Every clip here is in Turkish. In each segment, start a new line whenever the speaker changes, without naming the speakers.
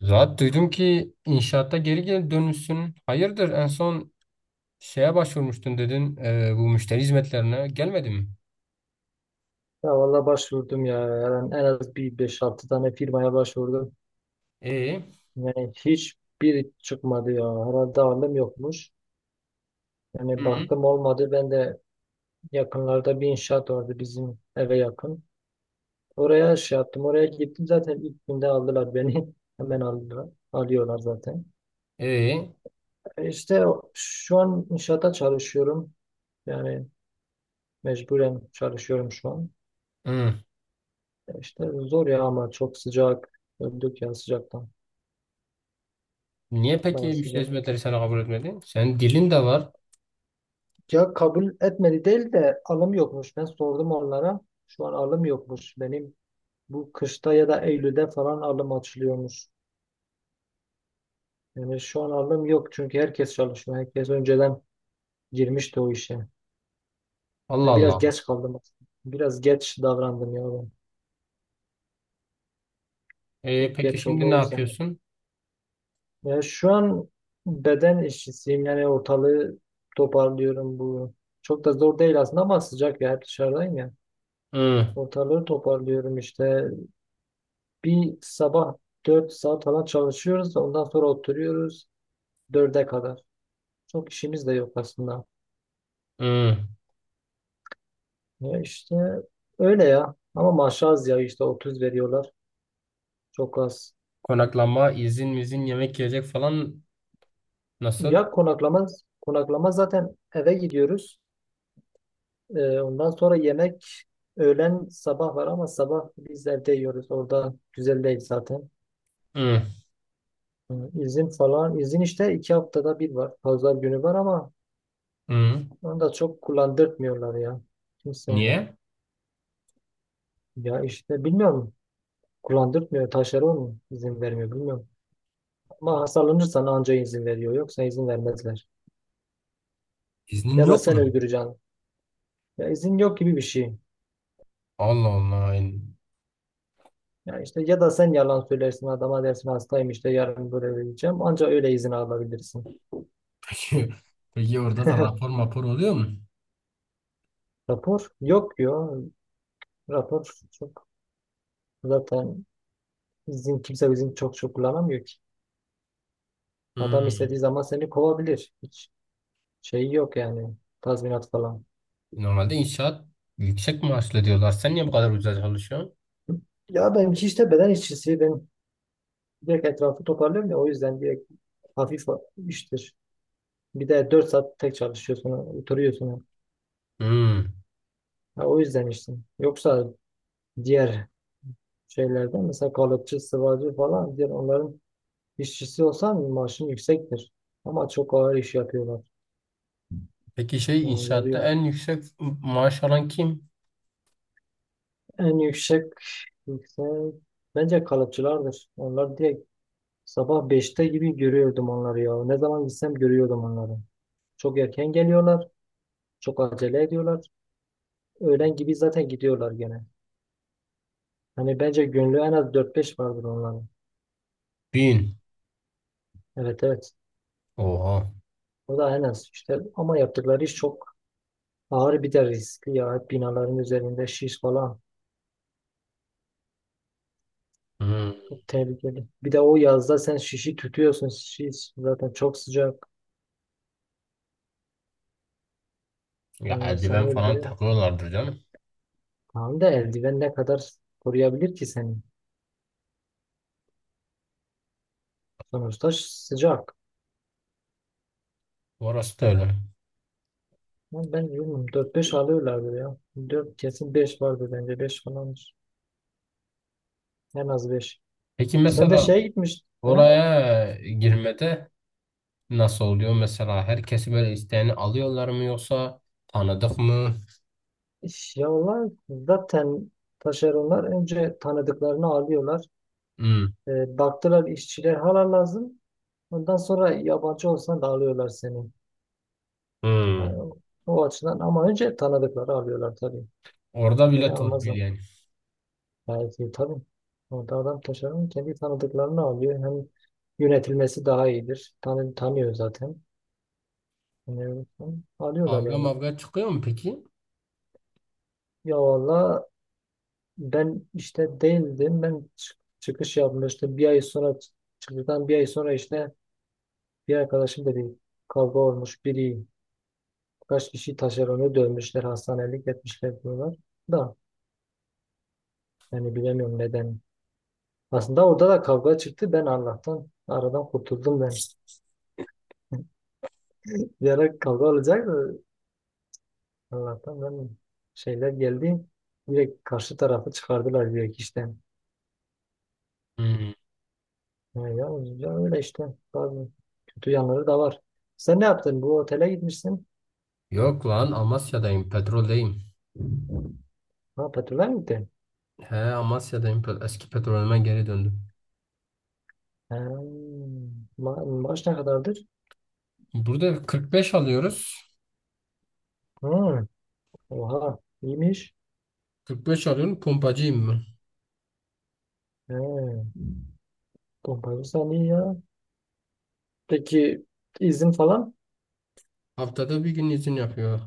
Zaten duydum ki inşaatta geri geri dönmüşsün. Hayırdır en son şeye başvurmuştun dedin bu müşteri hizmetlerine. Gelmedi mi?
Ya valla başvurdum ya. Yani en az bir beş altı tane firmaya başvurdum.
E,
Yani hiçbir çıkmadı ya. Herhalde alım yokmuş.
hı
Yani
hı.
baktım olmadı. Ben de yakınlarda bir inşaat vardı bizim eve yakın. Oraya şey yaptım. Oraya gittim zaten ilk günde aldılar beni. Hemen aldılar. Alıyorlar zaten.
E,
İşte şu an inşaata çalışıyorum. Yani mecburen çalışıyorum şu an.
hı.
İşte zor ya ama çok sıcak. Öldük ya sıcaktan.
Niye peki
Bayağı
müşteri
sıcak.
hizmetleri seni kabul etmedi? Senin dilin de var.
Ya kabul etmedi değil de alım yokmuş. Ben sordum onlara. Şu an alım yokmuş. Benim bu kışta ya da Eylül'de falan alım açılıyormuş. Yani şu an alım yok çünkü herkes çalışıyor. Herkes önceden girmişti o işe.
Allah
Ben biraz
Allah.
geç kaldım aslında. Biraz geç davrandım ya ben.
E,
Çok
peki
geç oldu
şimdi ne
o yüzden.
yapıyorsun?
Ya şu an beden işçisiyim. Yani ortalığı toparlıyorum bu. Çok da zor değil aslında ama sıcak ya. Hep dışarıdayım ya.
Hı,
Ortalığı toparlıyorum işte. Bir sabah 4 saat falan çalışıyoruz. Ondan sonra oturuyoruz 4'e kadar. Çok işimiz de yok aslında.
hı.
Ya işte öyle ya. Ama maaş az ya işte 30 veriyorlar. Çok az.
Konaklama, izin, mizin, yemek yiyecek falan nasıl?
Ya konaklama, konaklama zaten eve gidiyoruz. Ondan sonra yemek öğlen sabah var ama sabah biz evde yiyoruz. Orada güzel değil zaten.
Hı,
Ee, İzin falan. İzin işte iki haftada bir var. Pazar günü var ama
hı.
onu da çok kullandırtmıyorlar ya. Kimse.
Niye?
Ya işte bilmiyorum. Kullandırmıyor. Taşları mu izin vermiyor. Bilmiyorum. Ama hastalanırsan anca izin veriyor. Yoksa izin vermezler.
İznin
Ya da
yok
sen
mu?
öldüreceksin. Ya izin yok gibi bir şey.
Allah Allah.
Ya işte ya da sen yalan söylersin adama dersin hastayım işte yarın böyle öleceğim. Anca öyle izin alabilirsin.
Peki, peki, orada da rapor mapor oluyor mu?
Rapor yok diyor. Rapor çok zaten kimse izin çok çok kullanamıyor ki. Adam
Hmm.
istediği zaman seni kovabilir. Hiç şeyi yok yani. Tazminat falan.
Normalde inşaat yüksek maaşlı diyorlar. Sen niye bu kadar ucuza çalışıyorsun?
Ya benimki işte beden işçisi. Ben direkt etrafı toparlıyor ya o yüzden direkt hafif iştir. Bir de 4 saat tek çalışıyorsun, oturuyorsun.
Hmm.
Ha, o yüzden işte. Yoksa diğer şeylerde mesela kalıpçı, sıvacı falan diğer onların işçisi olsan maaşın yüksektir. Ama çok ağır iş yapıyorlar.
Peki şey
Yani
inşaatta
yoruyor.
en yüksek maaş alan kim?
En yüksek bence kalıpçılardır. Onlar direkt sabah beşte gibi görüyordum onları ya. Ne zaman gitsem görüyordum onları. Çok erken geliyorlar, çok acele ediyorlar. Öğlen gibi zaten gidiyorlar gene. Hani bence gönlü en az dört beş vardır onların.
Bin.
Evet evet.
Oha.
O da en az işte. Ama yaptıkları iş çok ağır bir de riskli ya. Hep binaların üzerinde şiş falan.
Hmm.
Çok tehlikeli. Bir de o yazda sen şişi tutuyorsun. Şiş zaten çok sıcak.
Ya
Yani insanı
eldiven falan
öldürüyor.
takıyorlardır canım.
Tamam da eldiven ne kadar koruyabilir ki seni? Sonuçta sıcak.
Orası da öyle.
Ama ben bilmiyorum. 4-5 alıyorlardır ya. 4 kesin 5 vardır bence. Beş falandır. En az 5.
Peki
Sen de
mesela
şeye gitmiş. He?
oraya girmede nasıl oluyor? Mesela herkesi böyle isteğini alıyorlar mı yoksa tanıdık mı?
Ya onlar zaten taşeronlar önce tanıdıklarını alıyorlar.
Hmm.
E, baktılar işçiler hala lazım. Ondan sonra yabancı olsan da alıyorlar seni.
Hmm.
Yani o, o açıdan ama önce tanıdıkları alıyorlar tabii.
Orada
Seni
bile torpil
almazlar.
yani.
Gayet iyi tabii. Orada adam taşeron kendi tanıdıklarını alıyor. Hem yönetilmesi daha iyidir. Tanıyor zaten. Yani, alıyorlar
Kavga
yani.
mavga çıkıyor mu peki?
Ya valla ben işte değildim. Ben çıkış yapmıştım. Bir ay sonra çıktıktan bir ay sonra işte bir arkadaşım dedi kavga olmuş biri kaç kişi taşeronu dövmüşler hastanelik etmişler diyorlar da yani bilemiyorum neden. Aslında orada da kavga çıktı. Ben Allah'tan aradan kurtuldum ben. Bir ara kavga olacaktı. Allah'tan ben şeyler geldi. Direkt karşı tarafı çıkardılar direkt işten.
Hmm.
Yani ya, ya öyle işte. Bazı kötü yanları da var. Sen ne yaptın? Bu otele gitmişsin.
Yok lan Amasya'dayım, petroldeyim.
Ha petrole mi gitti?
He, Amasya'dayım. Eski petrolüme geri döndüm.
Ha, maaş ne kadardır?
Burada 45 alıyoruz.
Hı, oha iyiymiş.
45 alıyorum. Pompacıyım mı?
He, pompacı sen iyi ya. Peki izin falan?
Haftada bir gün izin yapıyor.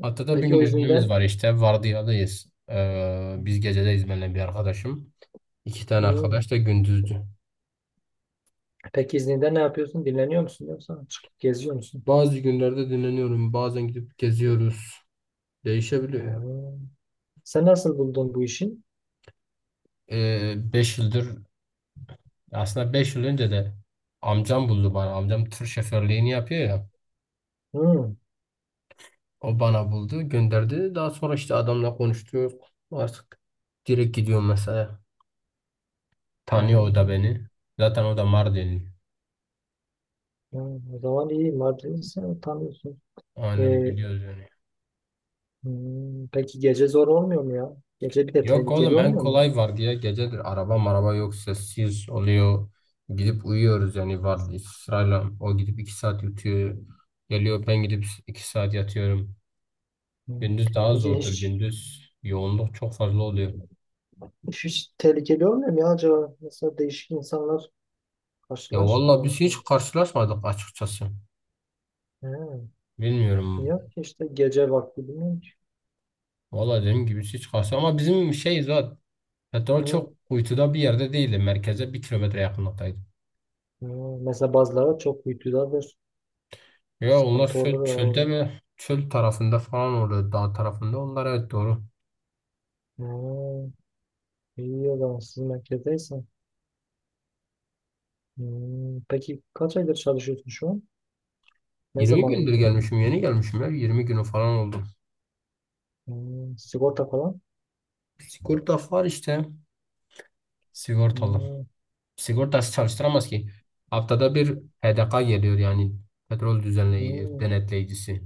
Haftada bir
Peki
gün
o
iznimiz
izinden.
var işte. Vardiyadayız. Biz gecedeyiz benimle bir arkadaşım. İki tane
Hı.
arkadaş da gündüzdü.
Peki izninde ne yapıyorsun? Dinleniyor musun yoksa çıkıp geziyor musun?
Bazı günlerde dinleniyorum. Bazen gidip geziyoruz. Değişebiliyor.
He. Sen nasıl buldun bu işi?
5 yıldır aslında 5 yıl önce de amcam buldu bana. Amcam tır şoförlüğünü yapıyor ya.
Hı.
O bana buldu, gönderdi. Daha sonra işte adamla konuştuk. Artık direkt gidiyorum mesela.
He.
Tanıyor o
Hı.
da beni. Zaten o da Mardinli.
O zaman iyi. Mardin'i sen tanıyorsun.
Aynen
E,
biliyoruz yani.
hı. Peki gece zor olmuyor mu ya? Gece bir de
Yok
tehlikeli
oğlum, en
olmuyor mu?
kolay var diye gecedir, araba maraba yok, sessiz oluyor. Gidip uyuyoruz yani, var sırayla. O gidip 2 saat yutuyor. Geliyor, ben gidip 2 saat yatıyorum.
Hı.
Gündüz daha
Peki
zordur
hiç
gündüz. Yoğunluk çok fazla oluyor.
hiç tehlikeli olmuyor mu ya acaba? Mesela değişik insanlar
Ya vallahi biz hiç
karşılaşmıyorsun.
karşılaşmadık açıkçası.
He.
Bilmiyorum.
Yok ki işte gece vakti bilmiyorum ki.
Valla dediğim gibi hiç karşı ama bizim şey zaten, petrol
Hı.
çok kuytuda bir yerde değildi. Merkeze 1 kilometre yakınlıktaydı.
Hı. Mesela bazıları çok uykudadır.
Ya onlar
Sıkıntı olur ya
çölde
orada.
mi? Çöl tarafında falan, orada dağ tarafında. Onlar evet doğru.
Hı. İyi o zaman siz merkezdeysen. Hı. Peki kaç aydır çalışıyorsun şu an? Ne
20
zaman
gündür
gittin?
gelmişim, yeni gelmişim ya. 20 günü falan oldu.
Hı. Sigorta falan?
Sigorta var işte. Sigortalı.
Hı.
Sigortası çalıştıramaz ki. Haftada bir HDK geliyor, yani petrol düzenleyici,
Hı.
denetleyicisi.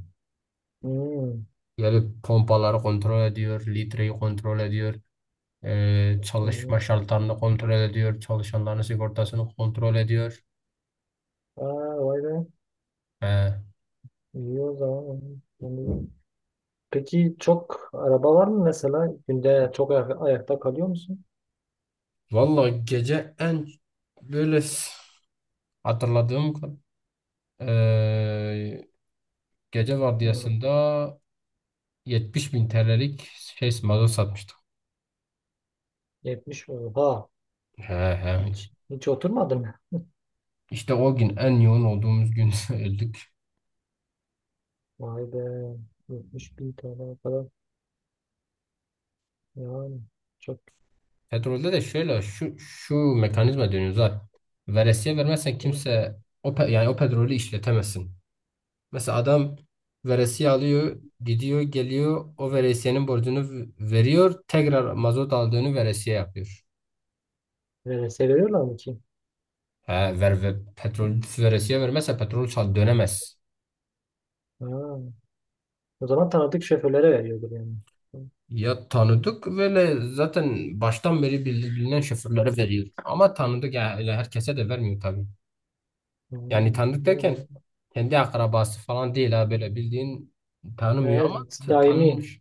Hı.
Gelip pompaları kontrol ediyor, litreyi kontrol ediyor.
Hı.
Çalışma şartlarını kontrol ediyor. Çalışanların sigortasını kontrol ediyor.
Aa, vay be.
He.
İyi o zaman. Hı. Peki çok araba var mı mesela? Günde çok ayakta kalıyor musun?
Vallahi gece en böyle hatırladığım ee, gece
Hmm,
vardiyasında 70 bin TL'lik şey mazot satmıştık.
70 oha.
He he.
Hiç oturmadın mı?
İşte o gün en yoğun olduğumuz gün öldük.
Vay be. 70 bin TL falan. Yani çok.
Petrolde de şöyle şu şu mekanizma dönüyor zaten. Veresiye vermezsen
Hı.
kimse yani o petrolü işletemezsin. Mesela adam veresiye alıyor, gidiyor, geliyor, o veresiyenin borcunu veriyor, tekrar mazot aldığını veresiye yapıyor.
Verese veriyorlar mı ki?
He, petrol veresiye vermezse petrol çal dönemez.
Ha. O zaman tanıdık şoförlere veriyordur yani. Hı.
Ya tanıdık böyle zaten baştan beri bilinen şoförlere veriyor. Ama tanıdık ya, öyle herkese de vermiyor tabii. Yani
Hmm,
tanıdık derken
bilmiyorum.
kendi akrabası falan değil, ha, böyle bildiğin tanımıyor ama
Evet, daimi.
tanınmış.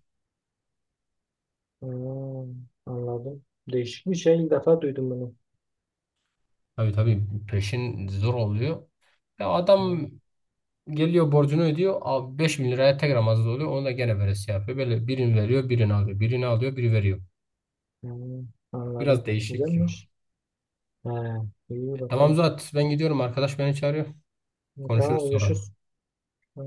Hmm, anladım. Değişik bir şey. İlk defa duydum bunu.
Tabii tabii, peşin zor oluyor. Ya
Hmm,
adam geliyor, borcunu ödüyor. Abi 5 bin liraya tekrar mazot oluyor. Onu da gene veresi yapıyor. Böyle birini veriyor, birini alıyor. Birini alıyor, biri veriyor.
hmm, anladım.
Biraz değişik gibi.
Güzelmiş. He, iyi
E, tamam
bakalım.
Zuhat, ben gidiyorum. Arkadaş beni çağırıyor.
E,
Konuşuruz
tamam,
sonra.
görüşürüz.